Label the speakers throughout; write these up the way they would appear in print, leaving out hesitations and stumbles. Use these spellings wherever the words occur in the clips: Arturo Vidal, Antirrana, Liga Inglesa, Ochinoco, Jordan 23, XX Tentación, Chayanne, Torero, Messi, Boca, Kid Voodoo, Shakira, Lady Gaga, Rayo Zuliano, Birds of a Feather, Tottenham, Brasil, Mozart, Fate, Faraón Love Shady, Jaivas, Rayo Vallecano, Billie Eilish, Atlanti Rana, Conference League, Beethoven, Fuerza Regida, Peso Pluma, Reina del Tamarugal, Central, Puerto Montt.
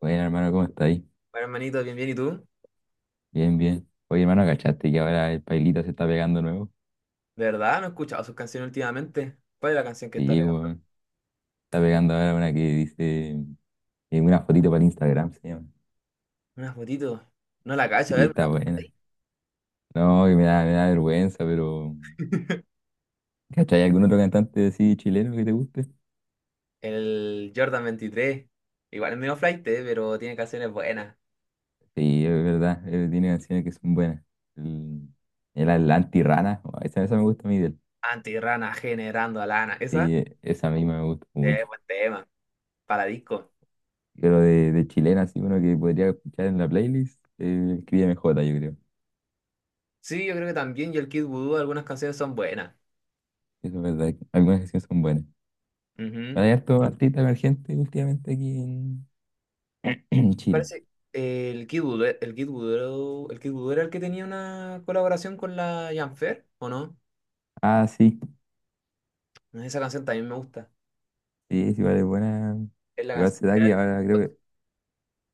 Speaker 1: Bueno, hermano, ¿cómo estáis?
Speaker 2: Bueno, hermanito, bien, bien. ¿Y tú?
Speaker 1: Bien, bien. Oye, hermano, ¿cachaste que ahora el Pailita se está pegando nuevo?
Speaker 2: ¿De verdad? No he escuchado sus canciones últimamente. ¿Cuál es la canción que está
Speaker 1: Sí,
Speaker 2: pegando?
Speaker 1: weón. Está pegando ahora una que dice una fotito para el Instagram, se llama.
Speaker 2: Una fotito. No la cacho, a
Speaker 1: Sí,
Speaker 2: ver.
Speaker 1: está buena. No, que me da vergüenza, pero. ¿Cachai? ¿Algún otro cantante así chileno que te guste?
Speaker 2: El Jordan 23. Igual es medio flight, pero tiene canciones buenas.
Speaker 1: Sí, es verdad. Tiene canciones que son buenas. El, el Atlanti Rana, oh, esa me gusta a mí de él.
Speaker 2: Antirrana generando a lana. Esa
Speaker 1: Sí, esa misma me gusta
Speaker 2: sí,
Speaker 1: mucho.
Speaker 2: buen tema. Para disco.
Speaker 1: Pero de chilena, así uno que podría escuchar en la playlist, escríbeme J, yo creo.
Speaker 2: Sí, yo creo que también. Y el Kid Voodoo, algunas canciones son buenas.
Speaker 1: Es verdad, que algunas canciones son buenas.
Speaker 2: Ujú.
Speaker 1: Bueno, hay harto artista emergente últimamente en Chile.
Speaker 2: Parece. El Kid Voodoo, el Kid Voodoo era el que tenía una colaboración con la Janfer, ¿o no?
Speaker 1: Ah, sí,
Speaker 2: Esa canción también me gusta.
Speaker 1: sí, es igual es buena.
Speaker 2: Es la
Speaker 1: Igual
Speaker 2: canción
Speaker 1: se da
Speaker 2: viral.
Speaker 1: que ahora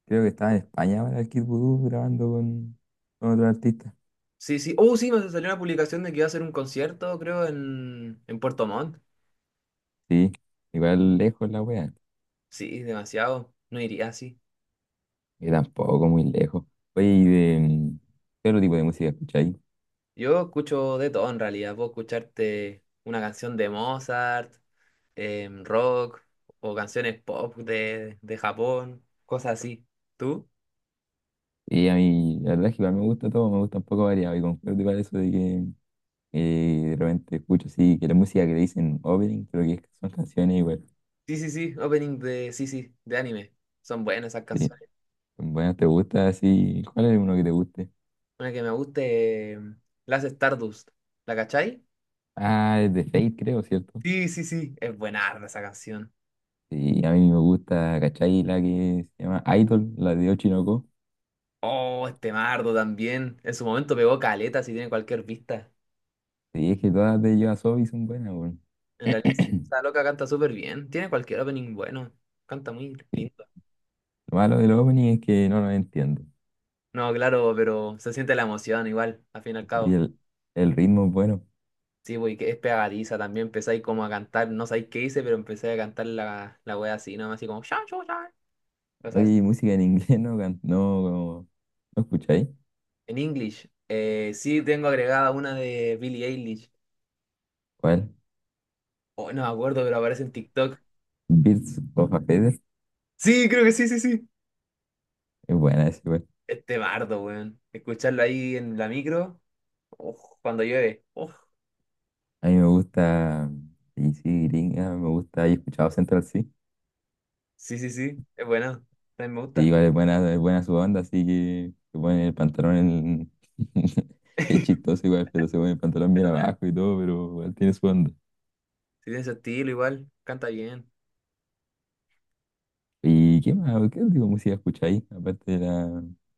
Speaker 1: creo que estaba en España ahora el Kid Voodoo grabando con otro artista.
Speaker 2: Sí, sí. Oh, sí, me salió una publicación de que iba a hacer un concierto, creo, en Puerto Montt.
Speaker 1: Sí, igual lejos la wea.
Speaker 2: Sí, demasiado. No iría así.
Speaker 1: Y tampoco muy lejos. Oye, ¿y de qué otro tipo de música escucháis?
Speaker 2: Yo escucho de todo en realidad. Puedo escucharte una canción de Mozart, rock, o canciones pop de Japón, cosas así. ¿Tú?
Speaker 1: Y a mí, la verdad es que igual me gusta todo, me gusta un poco variado. Y concuerdo igual eso de que de repente escucho así, que la música que le dicen opening, creo que son canciones igual.
Speaker 2: Sí, sí, sí. Opening de, sí, sí, de anime. Son buenas esas
Speaker 1: Sí.
Speaker 2: canciones.
Speaker 1: Bueno, ¿te gusta así? ¿Cuál es uno que te guste?
Speaker 2: Una que me guste, la hace Stardust. ¿La cachai?
Speaker 1: Ah, es de Fate, creo, ¿cierto?
Speaker 2: Sí, sí, sí. Es buena esa canción.
Speaker 1: Sí, a mí me gusta, ¿cachai? La que se llama Idol, la de Ochinoco.
Speaker 2: Oh, este Mardo también. En su momento pegó caleta si tiene cualquier vista.
Speaker 1: Sí, es que todas de YOASOBI son buenas, weón.
Speaker 2: En
Speaker 1: Sí,
Speaker 2: realidad, esa loca canta súper bien. Tiene cualquier opening bueno. Canta muy lindo.
Speaker 1: lo malo del opening es que no lo entiendo.
Speaker 2: No, claro, pero se siente la emoción igual, al fin y al
Speaker 1: Y
Speaker 2: cabo.
Speaker 1: el, el ritmo es bueno.
Speaker 2: Sí, güey, que es pegadiza también. Empecé ahí como a cantar, no sabéis qué hice, pero empecé a cantar la wea así, nomás así como "Sha, sha, sha". Cosas
Speaker 1: Oye,
Speaker 2: así.
Speaker 1: ¿y música en inglés no escucháis?
Speaker 2: En English. Sí, tengo agregada una de Billie Eilish.
Speaker 1: ¿Cuál?
Speaker 2: Oh, no me acuerdo, pero aparece en TikTok.
Speaker 1: Birds of a Feather.
Speaker 2: Sí, creo que sí, sí, sí.
Speaker 1: Es buena esa, igual.
Speaker 2: Este bardo, weón. Escucharlo ahí en la micro. Uf, cuando llueve. Uf,
Speaker 1: A mí me gusta, y sí, gringa, me gusta, he escuchado Central.
Speaker 2: sí, sí, sí, es bueno. También me
Speaker 1: Sí,
Speaker 2: gusta.
Speaker 1: igual es buena su banda, así que se pone el pantalón en... Es chistoso igual, pero se pone el pantalón bien abajo y todo, pero igual tiene su banda.
Speaker 2: Sí, tiene ese estilo igual, canta bien.
Speaker 1: ¿Y qué más? ¿Qué tipo de música escucháis? Aparte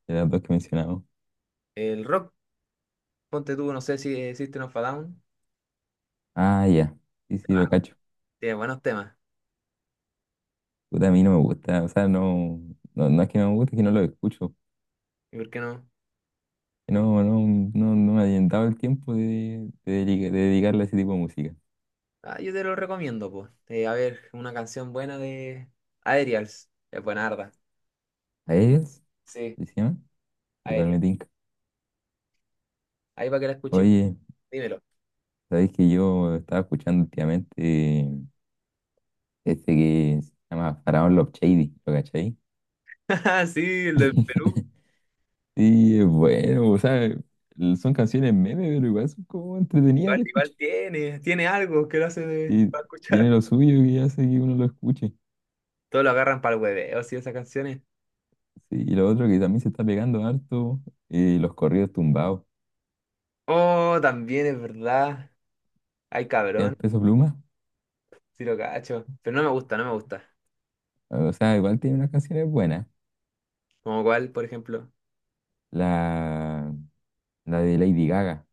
Speaker 1: de las dos que mencionamos.
Speaker 2: El rock, ponte tú, no sé si existe System of a Down.
Speaker 1: Ah, ya. Sí, sí,
Speaker 2: ah,
Speaker 1: lo cacho.
Speaker 2: Tiene buenos temas.
Speaker 1: Puta, a mí no me gusta. O sea, no es que no me guste, es que no lo escucho.
Speaker 2: ¿Y por qué no?
Speaker 1: No, no, no me ha dado el tiempo de dedicarle a ese tipo de música.
Speaker 2: Ah, yo te lo recomiendo, pues. A ver, una canción buena de Aerials. Es buena arda.
Speaker 1: ¿A ellos?
Speaker 2: Sí,
Speaker 1: ¿Sí se llama? Igual me
Speaker 2: Aerial.
Speaker 1: tinca.
Speaker 2: Ahí para que la escuché,
Speaker 1: Oye,
Speaker 2: dímelo.
Speaker 1: sabéis que yo estaba escuchando últimamente este que se llama Faraón Love Shady, ¿lo cachai?
Speaker 2: Sí, el del Perú.
Speaker 1: Sí, es bueno, o sea, son canciones meme, pero igual son como entretenidas
Speaker 2: Igual,
Speaker 1: de escuchar.
Speaker 2: tiene algo que lo hace
Speaker 1: Y
Speaker 2: para
Speaker 1: tiene
Speaker 2: escuchar.
Speaker 1: lo suyo que hace que uno lo escuche.
Speaker 2: Todos lo agarran para el hueveo, sí, esas canciones.
Speaker 1: Sí, y lo otro que también se está pegando harto, los corridos tumbados.
Speaker 2: Oh, también es verdad. Ay,
Speaker 1: ¿Ya
Speaker 2: cabrón,
Speaker 1: el Peso Pluma?
Speaker 2: sí lo cacho. Pero no me gusta, no me gusta.
Speaker 1: O sea, igual tiene unas canciones buenas.
Speaker 2: ¿Como cuál, por ejemplo?
Speaker 1: La, la de Lady Gaga,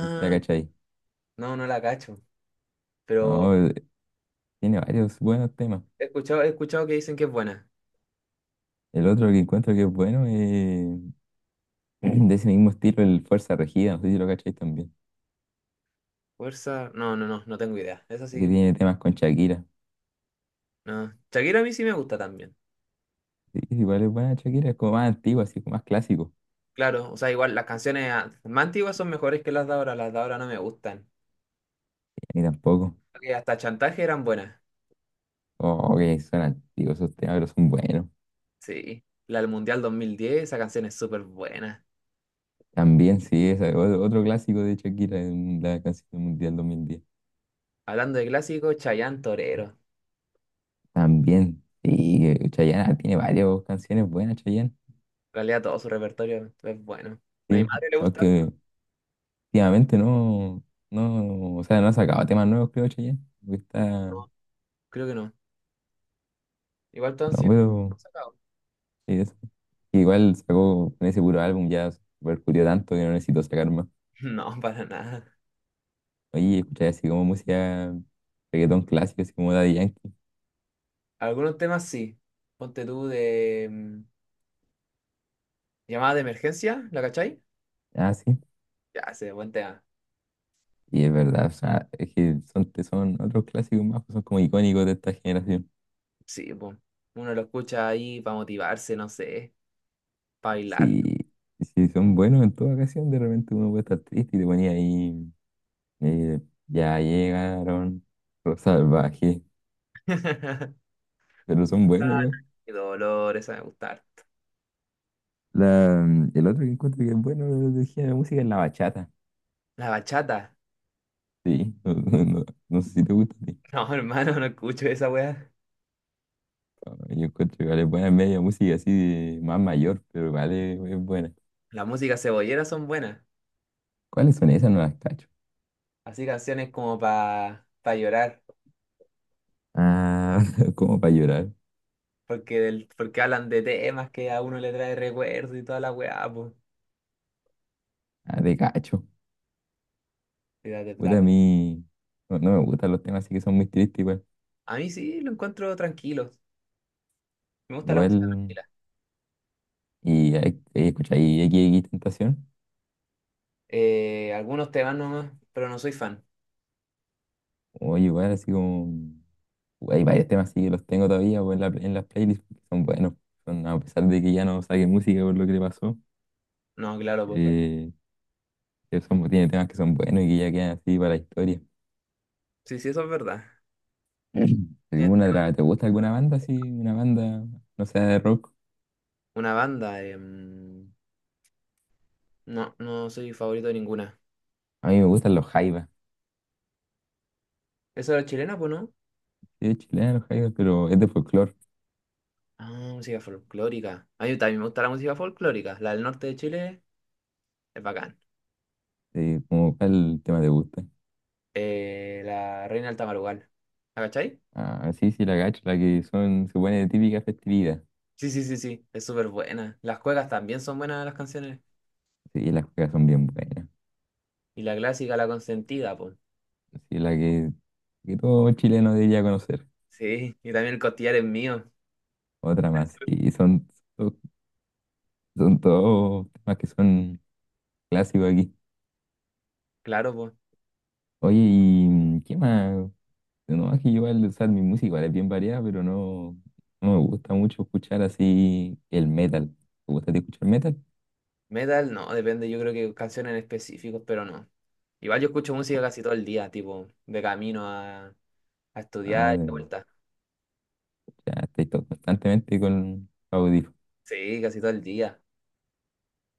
Speaker 1: no sé si la cachai.
Speaker 2: no, no la cacho. Pero
Speaker 1: No, tiene varios buenos temas.
Speaker 2: he escuchado que dicen que es buena.
Speaker 1: El otro que encuentro que es bueno es de ese mismo estilo, el Fuerza Regida, no sé si lo cacháis también,
Speaker 2: Fuerza, no, no, no, no tengo idea. Esa
Speaker 1: que
Speaker 2: sí,
Speaker 1: tiene temas con Shakira.
Speaker 2: no. Shakira a mí sí me gusta también.
Speaker 1: Sí, igual es buena Shakira, es como más antiguo, así como más clásico.
Speaker 2: Claro, o sea, igual las canciones más antiguas son mejores que las de ahora no me gustan.
Speaker 1: Ni tampoco.
Speaker 2: Que hasta Chantaje eran buenas.
Speaker 1: Oh, que son antiguos esos temas, pero son buenos.
Speaker 2: Sí, la del Mundial 2010, esa canción es súper buena.
Speaker 1: También, sí, esa es otro, otro clásico de Shakira en la canción mundial 2010.
Speaker 2: Hablando de clásicos, Chayanne Torero. En
Speaker 1: También, sí, Chayanne tiene varias canciones buenas, Chayanne.
Speaker 2: realidad todo su repertorio es bueno. ¿A mi
Speaker 1: Sí,
Speaker 2: madre le gusta harto?
Speaker 1: aunque últimamente no, o sea, no ha sacado temas nuevos, creo, Chayanne. Porque está,
Speaker 2: No, creo que no. Igual todos han
Speaker 1: no
Speaker 2: sido
Speaker 1: veo.
Speaker 2: sacados.
Speaker 1: Y eso. Igual sacó con ese puro álbum, ya percutió tanto que no necesito sacar más.
Speaker 2: No, para nada.
Speaker 1: Oye, escuché así como música reggaetón clásico, así como Daddy Yankee.
Speaker 2: Algunos temas sí. Ponte tú de llamada de emergencia, ¿la cachai?
Speaker 1: Ah, sí.
Speaker 2: Ya, ese buen tema.
Speaker 1: Y es verdad, o sea, es que son otros clásicos más, son como icónicos de esta generación.
Speaker 2: Sí, pues. Uno lo escucha ahí para motivarse, no sé, para bailar.
Speaker 1: Sí, sí, son buenos en toda ocasión, de repente uno puede estar triste y te ponía ahí, eh, ya llegaron los salvajes,
Speaker 2: Qué
Speaker 1: pero son buenos igual.
Speaker 2: dolor, esa me gustar.
Speaker 1: La, el otro que encuentro que es bueno de género de música es la bachata.
Speaker 2: La bachata.
Speaker 1: Sí, no sé si te gusta a ti.
Speaker 2: No, hermano, no escucho esa weá.
Speaker 1: Ah, yo encuentro que vale buena media música así de más mayor, pero vale es buena.
Speaker 2: Las músicas cebolleras son buenas.
Speaker 1: ¿Cuáles son esas? No las cacho.
Speaker 2: Así canciones como para pa pa llorar.
Speaker 1: Ah, como para llorar.
Speaker 2: Porque hablan de temas que a uno le trae recuerdos y toda la weá, pues.
Speaker 1: Ah, de cacho. Puta, a mí no me gustan los temas así que son muy tristes igual.
Speaker 2: A mí sí lo encuentro tranquilo. Me gusta la
Speaker 1: Igual,
Speaker 2: música tranquila.
Speaker 1: y escucha, y XXX Tentación.
Speaker 2: Algunos temas nomás, pero no soy fan.
Speaker 1: O igual así como... Hay varios temas así que los tengo todavía pues, en las playlists que son buenos. Son, a pesar de que ya no saqué música por lo que le pasó.
Speaker 2: No, claro, pues verdad.
Speaker 1: eh, que tiene temas que son buenos y que ya quedan así para la historia.
Speaker 2: Sí, sí, eso es verdad. Tienes
Speaker 1: ¿Alguna
Speaker 2: temas
Speaker 1: otra-
Speaker 2: que-
Speaker 1: te gusta alguna banda así? Una banda, no sea de rock.
Speaker 2: Una banda, no, no soy favorito de ninguna.
Speaker 1: A mí me gustan los Jaivas.
Speaker 2: ¿Eso era chilena, pues no?
Speaker 1: Sí, es chilena los Jaivas, pero es de folclore.
Speaker 2: Ah, música folclórica. A mí también me gusta la música folclórica. La del norte de Chile es bacán.
Speaker 1: Como cuál tema te gusta.
Speaker 2: La Reina del Tamarugal. ¿La cachai?
Speaker 1: Ah, sí, sí, la gacho, la que son, se pone de típica festividad.
Speaker 2: Sí, sí, sí, sí. Es súper buena. Las cuecas también son buenas las canciones.
Speaker 1: Sí, las juegas son bien buenas.
Speaker 2: Y la clásica, la consentida, pues.
Speaker 1: Sí, que todo chileno debería conocer.
Speaker 2: Sí, y también el costillar es mío.
Speaker 1: Otra más.
Speaker 2: Eso.
Speaker 1: Son, Son todos temas que son clásicos aquí.
Speaker 2: Claro, pues.
Speaker 1: Oye, ¿y qué más? No, es que yo igual, o sea, mi música igual es bien variada, pero no me gusta mucho escuchar así el metal. ¿Te gusta a ti escuchar metal?
Speaker 2: Metal, no, depende, yo creo que canciones en específico, pero no. Igual yo escucho música casi todo el día, tipo, de camino a
Speaker 1: Ah,
Speaker 2: estudiar y de vuelta.
Speaker 1: ya estoy constantemente con audífonos.
Speaker 2: Sí, casi todo el día.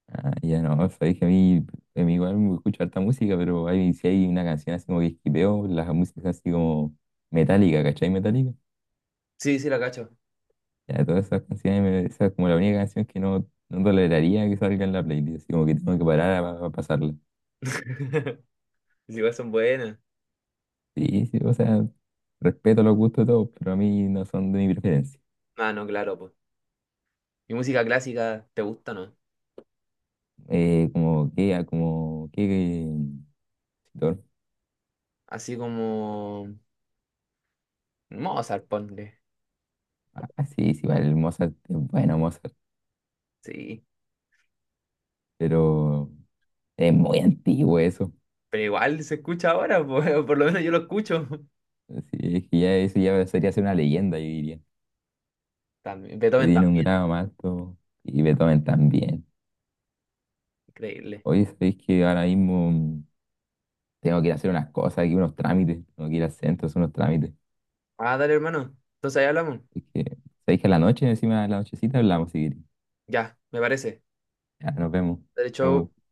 Speaker 1: Ah, ya no, o sea, dije a mí igual me escucho harta música, pero hay, si hay una canción así como que esquipeo, las músicas así como metálica, ¿cachai? Metálica.
Speaker 2: Sí, sí, la cacho.
Speaker 1: Ya, todas esas canciones, esa es como la única canción que no toleraría que salga en la playlist, así como que tengo que parar a pasarla.
Speaker 2: Sí, igual son buenas.
Speaker 1: Sí, sí, o sea, respeto los gustos de todos, pero a mí no son de mi preferencia.
Speaker 2: Ah, no, claro, pues. ¿Y música clásica te gusta, no?
Speaker 1: Como que, ah, como que, compositor.
Speaker 2: Así como Mozart, ponle.
Speaker 1: Ah, sí, sí, vale, el Mozart es bueno, Mozart,
Speaker 2: Sí.
Speaker 1: pero es muy antiguo eso.
Speaker 2: Pero igual se escucha ahora, pues, por lo menos yo lo escucho.
Speaker 1: Así es que ya eso ya sería ser una leyenda, yo diría.
Speaker 2: También,
Speaker 1: Que
Speaker 2: Beethoven
Speaker 1: tiene un
Speaker 2: también,
Speaker 1: grado más alto y Beethoven también.
Speaker 2: increíble.
Speaker 1: Oye, sabéis que ahora mismo tengo que ir a hacer unas cosas aquí, unos trámites. Tengo que ir al centro, a hacer unos trámites.
Speaker 2: Ah, dale, hermano. Entonces ahí hablamos.
Speaker 1: Es que, sabéis que a la noche, encima de la nochecita, hablamos si queréis.
Speaker 2: Ya, me parece.
Speaker 1: Ya, nos vemos.
Speaker 2: De hecho,
Speaker 1: Chau.